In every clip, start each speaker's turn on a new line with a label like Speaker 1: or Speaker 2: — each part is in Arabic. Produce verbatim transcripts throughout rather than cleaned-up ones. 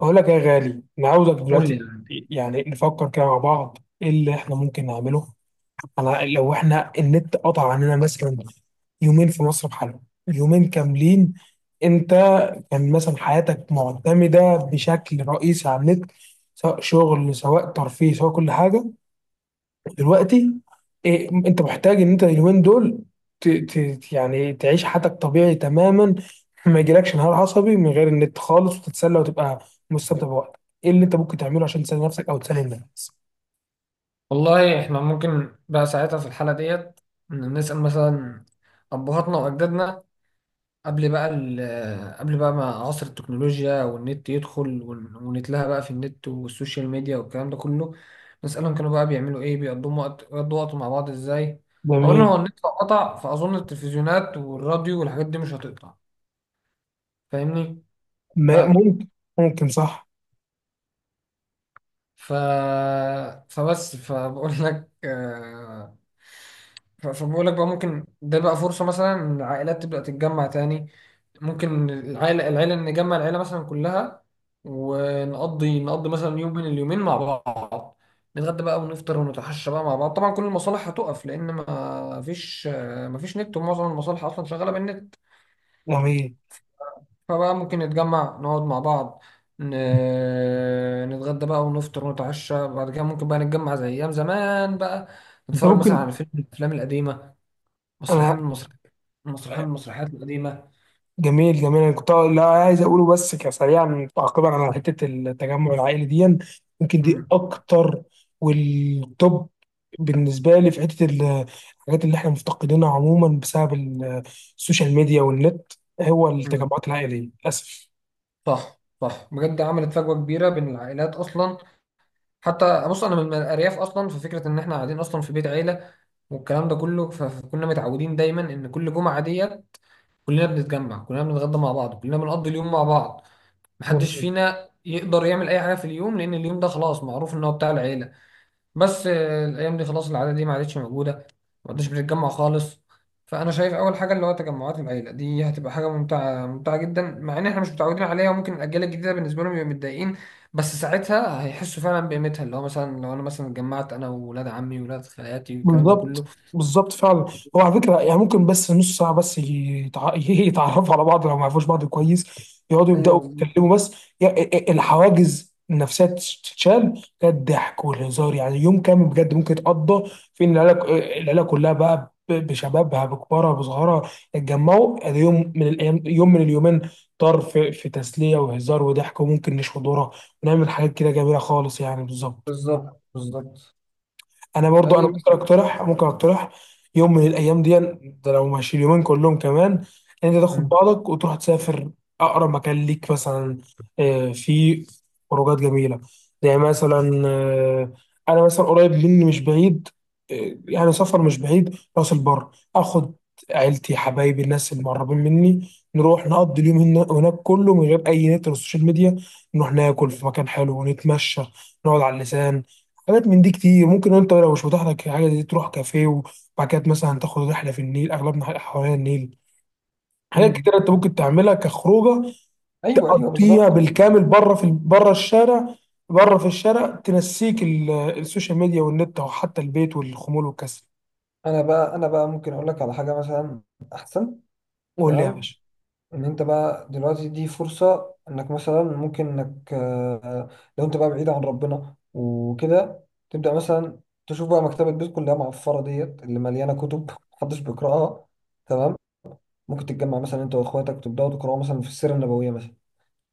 Speaker 1: أقول لك يا غالي، أنا عاوزك
Speaker 2: قول لي
Speaker 1: دلوقتي.
Speaker 2: اللي عندك.
Speaker 1: يعني نفكر كده مع بعض إيه اللي إحنا ممكن نعمله. أنا لو إحنا النت قطع عننا مثلا يومين في مصر بحالهم، يومين كاملين. أنت كان مثلا حياتك معتمدة بشكل رئيسي على النت، سواء شغل سواء ترفيه سواء كل حاجة. دلوقتي إيه انت محتاج ان انت اليومين دول ت... ت... يعني تعيش حياتك طبيعي تماما، ما يجيلكش انهيار عصبي من غير النت خالص، وتتسلى وتبقى مستمتع بوقتك. ايه اللي انت ممكن تعمله عشان تسلي نفسك او تسلي الناس؟
Speaker 2: والله احنا ممكن بقى ساعتها في الحالة ديت، نسأل مثلا أبهاتنا وأجدادنا قبل بقى ال- آه، قبل بقى ما عصر التكنولوجيا والنت يدخل ون- ونتلهى بقى في النت والسوشيال ميديا والكلام ده كله. نسألهم كانوا بقى بيعملوا إيه، بيقضوا وقت بيقضوا وقت مع بعض إزاي؟ أولا
Speaker 1: جميل.
Speaker 2: هو النت لو قطع فأظن التلفزيونات والراديو والحاجات دي مش هتقطع، فاهمني؟
Speaker 1: ما ممكن، ممكن صح.
Speaker 2: ف... فبس فبقول لك آه، ف- فبقول لك بقى ممكن ده بقى فرصة مثلا إن العائلات تبدأ تتجمع تاني. ممكن العائلة العائلة نجمع العائلة مثلا كلها، ونقضي نقضي مثلا يوم من اليومين مع بعض، نتغدى بقى ونفطر ونتعشى بقى مع بعض. طبعا كل المصالح هتقف لأن ما فيش ما فيش نت، ومعظم المصالح أصلا شغالة بالنت.
Speaker 1: جميل.
Speaker 2: فبقى ممكن نتجمع نقعد مع بعض، ن- نتغدى بقى ونفطر ونتعشى. بعد كده ممكن بقى نتجمع زي أيام زمان بقى،
Speaker 1: انت
Speaker 2: نتفرج مثلا
Speaker 1: ممكن.
Speaker 2: على فيلم من الأفلام القديمة، مسرحية من
Speaker 1: انا.
Speaker 2: المسرحيات مسرحية من المسرحيات القديمة.
Speaker 1: جميل جميل. انا كنت لا عايز اقوله بس كسريعا، تعقيبا على حته التجمع العائلي دي، يمكن دي
Speaker 2: مم.
Speaker 1: اكتر والتوب بالنسبه لي في حته ال- الحاجات اللي احنا مفتقدينها عموما بسبب ال- السوشيال ميديا والنت، هو
Speaker 2: مم.
Speaker 1: التجمعات العائليه.
Speaker 2: صح صح، بجد عملت فجوة كبيرة بين العائلات أصلا. حتى بص، أنا من الأرياف أصلا، ففكرة إن إحنا قاعدين أصلا في بيت عيلة والكلام ده كله، ف- فكنا متعودين دايما إن كل جمعة ديت كلنا بنتجمع، كلنا بنتغدى مع بعض، كلنا بنقضي اليوم مع بعض. محدش
Speaker 1: للاسف.
Speaker 2: فينا يقدر يعمل اي حاجه في اليوم، لان اليوم ده خلاص معروف ان هو بتاع العيله. بس آه، الايام دي خلاص العاده دي ما عادتش موجوده، ما عادش بنتجمع خالص. فانا شايف اول حاجه اللي هو تجمعات العيله دي هتبقى حاجه ممتعه، ممتعه جدا، مع ان احنا مش متعودين عليها، وممكن الاجيال الجديده بالنسبه لهم يبقوا متضايقين. بس ساعتها هيحسوا فعلا بقيمتها، اللي هو مثلا لو انا مثلا اتجمعت انا وولاد عمي وولاد خالاتي والكلام ده كله.
Speaker 1: بالظبط، بالظبط فعلا. هو على فكره يعني ممكن بس نص ساعه بس يتع... يتعرفوا على بعض لو ما يعرفوش بعض كويس، يقعدوا
Speaker 2: ايوه،
Speaker 1: يبداوا
Speaker 2: بالظبط.
Speaker 1: يتكلموا بس. يعني الحواجز النفسيه تت- تتشال، ده الضحك والهزار يعني. يوم كامل بجد ممكن يتقضى في ان العيله العيله كلها بقى ب- بشبابها بكبارها بصغارها، يتجمعوا. ادي يوم من الايام، يوم من اليومين، طار في, في تسليه وهزار وضحك، وممكن نشوي ذره ونعمل حاجات كده جميله خالص يعني. بالظبط.
Speaker 2: بالظبط. بالظبط.
Speaker 1: انا برضو انا
Speaker 2: أيوة.
Speaker 1: ممكن اقترح ممكن اقترح يوم من الايام دي، ده لو ماشي اليومين كلهم كمان، ان انت تاخد
Speaker 2: مم.
Speaker 1: بعضك وتروح تسافر اقرب مكان ليك. مثلا آه، في خروجات جميله، زي مثلا، آه، انا مثلا قريب مني مش بعيد، آه، يعني سفر مش بعيد، راس البر. اخد عيلتي، حبايبي، الناس المقربين مني، نروح نقضي اليوم هنا- هناك كله من غير اي نت ولا سوشيال ميديا. نروح ناكل في مكان حلو ونتمشى، نقعد على اللسان. حاجات من دي كتير. ممكن انت لو مش متاح لك حاجه دي، تروح كافيه، وبعد كده مثلا تاخد رحله في النيل، اغلبنا حوالين النيل. حاجات
Speaker 2: مم.
Speaker 1: كتير انت ممكن تعملها كخروجه،
Speaker 2: ايوه ايوه،
Speaker 1: تقضيها
Speaker 2: بالظبط.
Speaker 1: بالكامل بره، في بره الشارع. بره في الشارع تنسيك ال- السوشيال ميديا والنت، او حتى البيت والخمول والكسل.
Speaker 2: انا بقى انا بقى ممكن اقول لك على حاجه مثلا احسن.
Speaker 1: قول لي يا
Speaker 2: تمام.
Speaker 1: باشا.
Speaker 2: ان انت بقى دلوقتي دي فرصه انك مثلا ممكن انك آه، لو انت بقى بعيد عن ربنا وكده، تبدا مثلا تشوف بقى مكتبه بيت كلها معفره ديت اللي مليانه كتب محدش بيقراها. تمام. ممكن تتجمع مثلا انت واخواتك تبداوا تقراوا مثلا في السيره النبويه مثلا،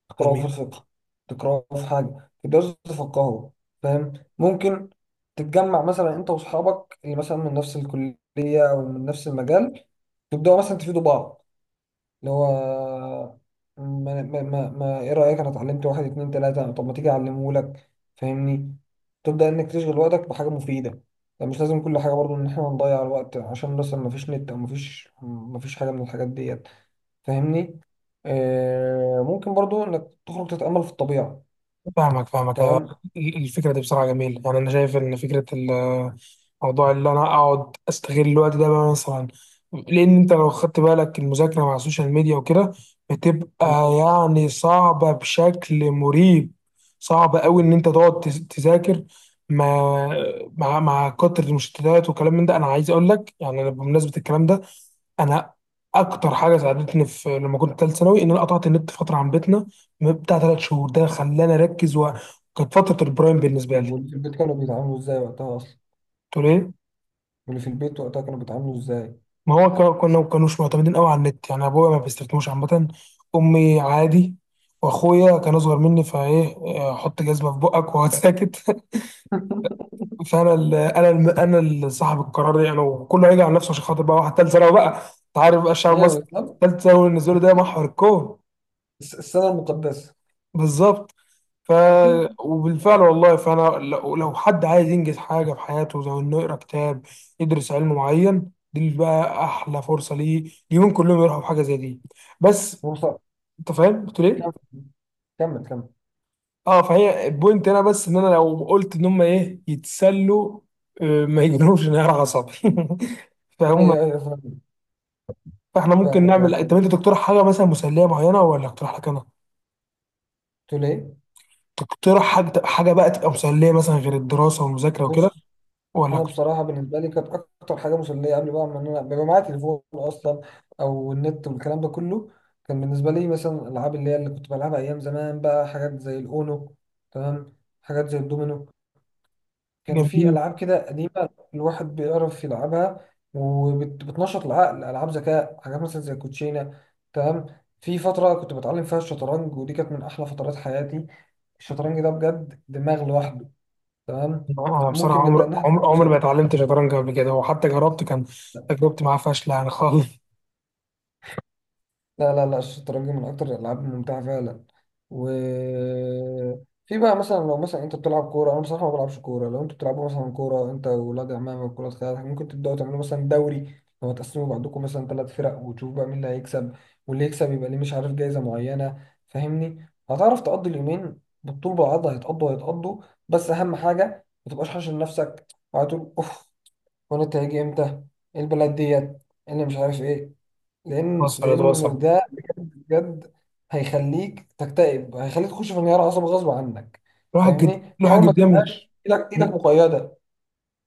Speaker 2: تقرأه في
Speaker 1: جميل.
Speaker 2: الفقه، تقرأه في حاجة تقدروا تتفقهوا. فاهم؟ ممكن تتجمع مثلا انت واصحابك اللي مثلا من نفس الكلية او من نفس المجال، تبدأوا مثلا تفيدوا بعض، اللي هو ما, ما, ما, ما ايه رأيك، انا اتعلمت واحد اتنين تلاتة، طب ما تيجي اعلمه لك. فاهمني؟ تبدأ انك تشغل وقتك بحاجة مفيدة. يعني مش لازم كل حاجة برضو ان احنا نضيع الوقت عشان مثلا ما فيش نت، او ما فيش ما فيش حاجة من الحاجات ديت، فاهمني؟ آه ممكن برضو انك تخرج تتأمل في الطبيعة.
Speaker 1: فاهمك، فاهمك، أيوة.
Speaker 2: تمام.
Speaker 1: الفكرة دي بصراحة جميلة. يعني أنا شايف إن فكرة ال- موضوع اللي أنا أقعد أستغل الوقت ده بقى مثلا. لأن أنت لو خدت بالك، المذاكرة مع السوشيال ميديا وكده
Speaker 2: مم.
Speaker 1: بتبقى يعني صعبة بشكل مريب. صعب أوي إن أنت تقعد تز- تذاكر مع مع مع كتر المشتتات وكلام من ده. أنا عايز أقول لك يعني، أنا بمناسبة الكلام ده، انا اكتر حاجه ساعدتني في لما كنت ثالث ثانوي، ان انا قطعت النت فتره عن بيتنا بتاع ثلاث شهور. ده خلاني اركز، و- وكانت فتره البرايم بالنسبه
Speaker 2: طب
Speaker 1: لي.
Speaker 2: واللي في البيت كانوا بيتعاملوا ازاي وقتها اصلا؟
Speaker 1: تقول ايه؟
Speaker 2: واللي في البيت وقتها كانوا بيتعاملوا ازاي؟
Speaker 1: ما هو كا- كنا ما كانوش معتمدين قوي على النت يعني. ابويا ما بيستخدموش عامه، امي عادي، واخويا كان اصغر مني. فايه آه، حط جزمه في بقك واقعد ساكت. فانا ال انا ال انا اللي صاحب القرار يعني، وكله هيجي على نفسه عشان خاطر بقى واحد ثالث ثانوي بقى. انت عارف بقى الشعب
Speaker 2: ايوه،
Speaker 1: المصري،
Speaker 2: بالظبط.
Speaker 1: ثالث ثانوي بالنسبه له ده محور الكون.
Speaker 2: الس- السنة المقدسة.
Speaker 1: بالظبط. ف. وبالفعل والله. فانا لو لو حد عايز ينجز حاجه في حياته، زي انه يقرا كتاب يدرس علم معين، دي بقى احلى فرصه ليه، ليهم كلهم يروحوا بحاجه زي دي. بس
Speaker 2: بص،
Speaker 1: انت فاهم قلت
Speaker 2: كمل.
Speaker 1: ليه.
Speaker 2: كمل كمل.
Speaker 1: اه. فهي البوينت هنا بس ان انا لو قلت ان هم ايه يتسلوا، آه، ما يجنوش انهيار عصبي. فهم.
Speaker 2: ايوه ايوه، فاهمك.
Speaker 1: فاحنا ممكن
Speaker 2: فاهمك
Speaker 1: نعمل،
Speaker 2: فاهمك.
Speaker 1: انت انت تقترح حاجه مثلا مسليه معينه، ولا اقترح لك انا.
Speaker 2: قلت له ايه؟
Speaker 1: تقترح حاجه حاجه بقى، تبقى مسليه مثلا غير الدراسه والمذاكره وكده
Speaker 2: بص. انا
Speaker 1: ولا.
Speaker 2: بصراحه بالنسبه لي كانت اكتر حاجه مسليه قبل بقى ما انا بيبقى معايا تليفون اصلا او النت والكلام ده كله، كان بالنسبه لي مثلا الالعاب اللي هي اللي كنت بلعبها ايام زمان بقى، حاجات زي الاونو. تمام. حاجات زي الدومينو. كان في
Speaker 1: جميل.
Speaker 2: العاب كده قديمه الواحد بيعرف يلعبها وبتنشط العقل، العاب ذكاء، حاجات مثلا زي الكوتشينه. تمام. في فتره كنت بتعلم فيها الشطرنج، ودي كانت من احلى فترات حياتي. الشطرنج ده بجد دماغ لوحده. تمام.
Speaker 1: آه، انا بصراحه
Speaker 2: ممكن نبدا ان
Speaker 1: عمر
Speaker 2: احنا
Speaker 1: عمر عمر
Speaker 2: نعمل.
Speaker 1: ما اتعلمت شطرنج قبل كده، وحتى جربت كان تجربتي معاه فاشله يعني خالص.
Speaker 2: لا لا لا، الشطرنج من أكتر الألعاب الممتعة فعلا. و في بقى مثلا، لو مثلا أنت بتلعب كورة، أنا بصراحة ما بلعبش كورة، لو أنتوا بتلعبوا مثلا كورة أنت وولاد عمامك وولاد خالاتك، ممكن تبدأوا تعملوا مثلا دوري. لو هتقسموا بعضكم مثلا ثلاث فرق وتشوف بقى مين اللي هيكسب، واللي يكسب يبقى ليه مش عارف جايزة معينة. فاهمني؟ هتعرف تقضي اليومين بالطول بالعرض، هيتقضوا هيتقضوا. بس أهم حاجة ما تبقاش حاشر نفسك، وهتقول أوف، وأنا هيجي إمتى، إيه البلد ديت، إيه اللي مش عارف إيه. لان
Speaker 1: وصلت،
Speaker 2: لان
Speaker 1: وصل.
Speaker 2: ده بجد بجد هيخليك تكتئب، هيخليك تخش في انهيار عصبي غصب عنك.
Speaker 1: الواحد جد،
Speaker 2: فاهمني؟
Speaker 1: الواحد
Speaker 2: حاول ما
Speaker 1: جدا.
Speaker 2: تبقاش ايدك ايدك مقيده.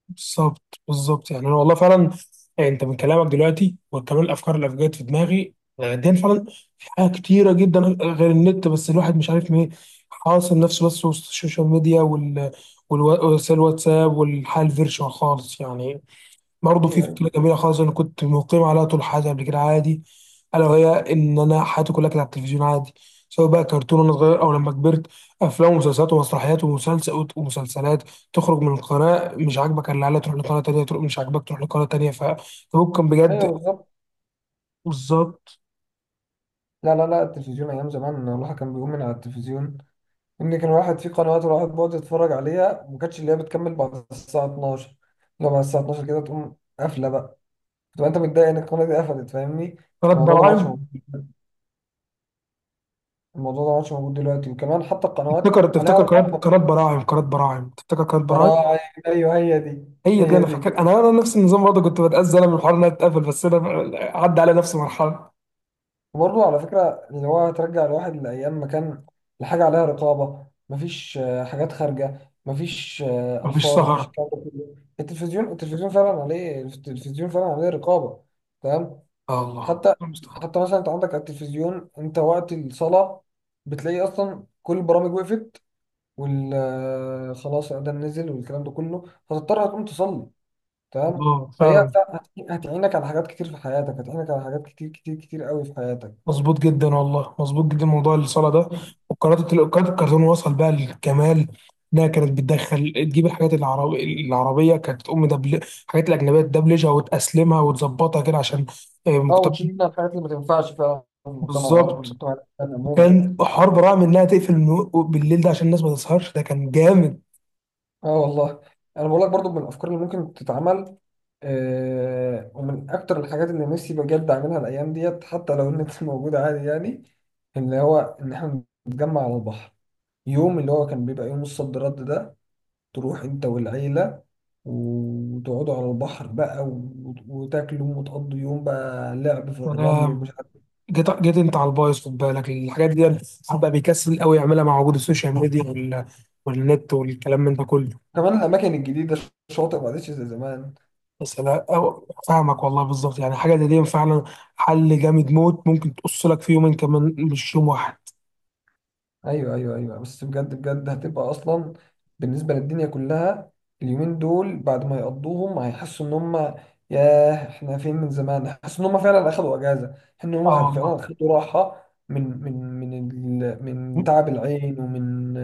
Speaker 1: بالظبط، بالظبط. يعني انا والله فعلا، يعني انت من كلامك دلوقتي وكمان الافكار اللي جت في دماغي دي، فعلا في حاجات كتيره جدا غير النت، بس الواحد مش عارف مين حاصر نفسه بس وسط السوشيال ميديا وال والوا- وسائل الواتساب والحياه الفيرتشوال خالص يعني. برضه في
Speaker 2: ايوه ايوه.
Speaker 1: فكرة جميلة خالص، أنا كنت مقيم عليها طول حياتي قبل كده عادي، ألا وهي إن أنا حياتي كلها كانت على التلفزيون عادي. سواء بقى كرتون وأنا صغير، أو لما كبرت، أفلام ومسلسلات ومسرحيات ومسلسل ومسلسلات، تخرج من القناة مش عاجبك اللي عليها تروح لقناة تانية، تروح مش عاجبك تروح لقناة تانية. فممكن
Speaker 2: أيوة.
Speaker 1: بجد.
Speaker 2: بالظبط.
Speaker 1: بالظبط.
Speaker 2: لا لا لا، التلفزيون ايام زمان الواحد كان بيقوم من على التلفزيون، ان كان الواحد في قنوات الواحد بيقعد يتفرج عليها، وما كانتش اللي هي بتكمل بعد الساعه اتناشر. لو بعد الساعه الثانية عشرة كده تقوم قافله بقى، تبقى انت متضايق ان القناه دي قفلت. فاهمني؟
Speaker 1: قناة
Speaker 2: الموضوع ده ما عادش
Speaker 1: براعم.
Speaker 2: موجود الموضوع ده ما عادش موجود دلوقتي، وكمان حتى القنوات
Speaker 1: تفتكر
Speaker 2: عليها
Speaker 1: تفتكر قناة
Speaker 2: رقابه.
Speaker 1: قناة براعم، قناة براعم تفتكر قناة براعم.
Speaker 2: براعم. ايوه، هي دي.
Speaker 1: هي دي.
Speaker 2: هي
Speaker 1: أنا
Speaker 2: دي.
Speaker 1: فاكر، أنا أنا نفس النظام برضه، كنت بتأذى أنا من الحوار إنها تتقفل، بس أنا عدى على نفس المرحلة.
Speaker 2: وبرضه على فكره اللي هو ترجع الواحد لايام ما كان الحاجه عليها رقابه، مفيش آه، حاجات خارجه، مفيش آه،
Speaker 1: مفيش
Speaker 2: الفاظ، مفيش
Speaker 1: سهر.
Speaker 2: الكلام ده كله. التلفزيون التلفزيون فعلا عليه التلفزيون فعلا عليه رقابه. تمام.
Speaker 1: آه، الله
Speaker 2: حتى
Speaker 1: المستعان.
Speaker 2: حتى مثلا انت عندك على التلفزيون انت وقت الصلاه، بتلاقي اصلا كل البرامج وقفت، وال آه، خلاص الاذان نزل والكلام ده كله، فتضطر هتقوم تصلي. تمام.
Speaker 1: الله
Speaker 2: فهي
Speaker 1: فعلا.
Speaker 2: هت- هتعينك على حاجات كتير في حياتك، هتعينك على حاجات كتير كتير كتير قوي في حياتك.
Speaker 1: مظبوط جدا والله، مظبوط جدا موضوع الصلاه ده. وقناه ال- قناه الكرتون وصل بقى للكمال. انها كانت بتدخل تجيب الحاجات العربي العربيه، كانت تقوم دبل الحاجات الاجنبيه تدبلجها وتاسلمها وتظبطها كده عشان آه،
Speaker 2: اه،
Speaker 1: مكتب.
Speaker 2: وتشيل منها الحاجات اللي ما تنفعش فعلا في المجتمع العربي
Speaker 1: بالظبط.
Speaker 2: المجتمع الإسلامي عموما.
Speaker 1: وكان حوار براعم انها تقفل النو- بالليل ده عشان الناس ما تسهرش. ده كان جامد.
Speaker 2: اه والله. انا بقول لك برضو من الافكار اللي ممكن تتعمل، آه ومن اكتر الحاجات اللي نفسي بجد اعملها الايام ديت، حتى لو النت موجود عادي يعني، اللي هو ان احنا نتجمع على البحر، يوم اللي هو كان بيبقى يوم الصد رد ده، تروح انت والعيلة وتقعدوا على البحر بقى، و- وتاكلوا وتقضوا يوم بقى لعب في الرمل
Speaker 1: انا
Speaker 2: ومش عارف إيه.
Speaker 1: جيت جيت انت على البايظ. خد بالك الحاجات دي الواحد بقى بيكسل قوي يعملها مع وجود السوشيال ميديا وال- والنت والكلام من ده كله.
Speaker 2: كمان الأماكن الجديدة، الشاطئ ما عادش زي زمان.
Speaker 1: بس انا أو فاهمك والله. بالظبط يعني حاجه زي دي فعلا حل جامد موت، ممكن تقص لك في يومين كمان مش يوم واحد.
Speaker 2: أيوه أيوه أيوه، بس بجد بجد هتبقى أصلا بالنسبة للدنيا كلها، اليومين دول بعد ما يقضوهم هيحسوا إن هم ياه إحنا فين من زمان، هيحسوا إن هم فعلا أخدوا أجازة، إن هم خد- فعلا
Speaker 1: اه
Speaker 2: أخدوا راحة من من من ال- من
Speaker 1: والله.
Speaker 2: تعب العين، ومن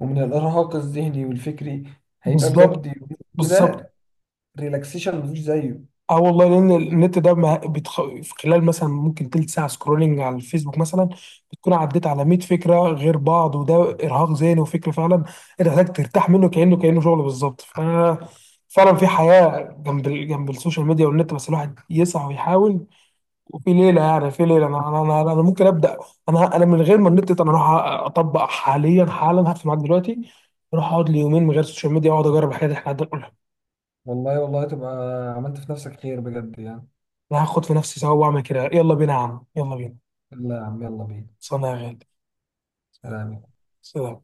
Speaker 2: ومن الارهاق الذهني والفكري. هيبقى بجد
Speaker 1: بالظبط،
Speaker 2: يومين
Speaker 1: بالظبط.
Speaker 2: كده، ريلاكسيشن مفيش زيه.
Speaker 1: اه والله، لان النت ده ما بتخ... في خلال مثلا ممكن تلت ساعه سكرولنج على الفيسبوك مثلا، بتكون عديت على مية فكره غير بعض، وده ارهاق ذهني وفكر فعلا. انت محتاج ترتاح منه، كانه كانه شغل بالظبط. ف، فعلا في حياه جنب ال... جنب السوشيال ميديا والنت، بس الواحد يسعى ويحاول. في ليله، يعني في ليله انا انا انا, أنا ممكن ابدا. انا انا من غير ما النت انا اروح اطبق حاليا، حالا هقفل معاك دلوقتي، اروح اقعد لي يومين من غير السوشيال ميديا، واقعد اجرب الحاجات اللي احنا قاعدين نقولها.
Speaker 2: والله والله تبقى عملت في نفسك خير بجد يعني.
Speaker 1: انا هاخد في نفسي سوا واعمل كده. يلا بينا يا عم، يلا بينا.
Speaker 2: لا يا عم، يلا بينا.
Speaker 1: صنع يا غالي.
Speaker 2: سلام.
Speaker 1: سلام.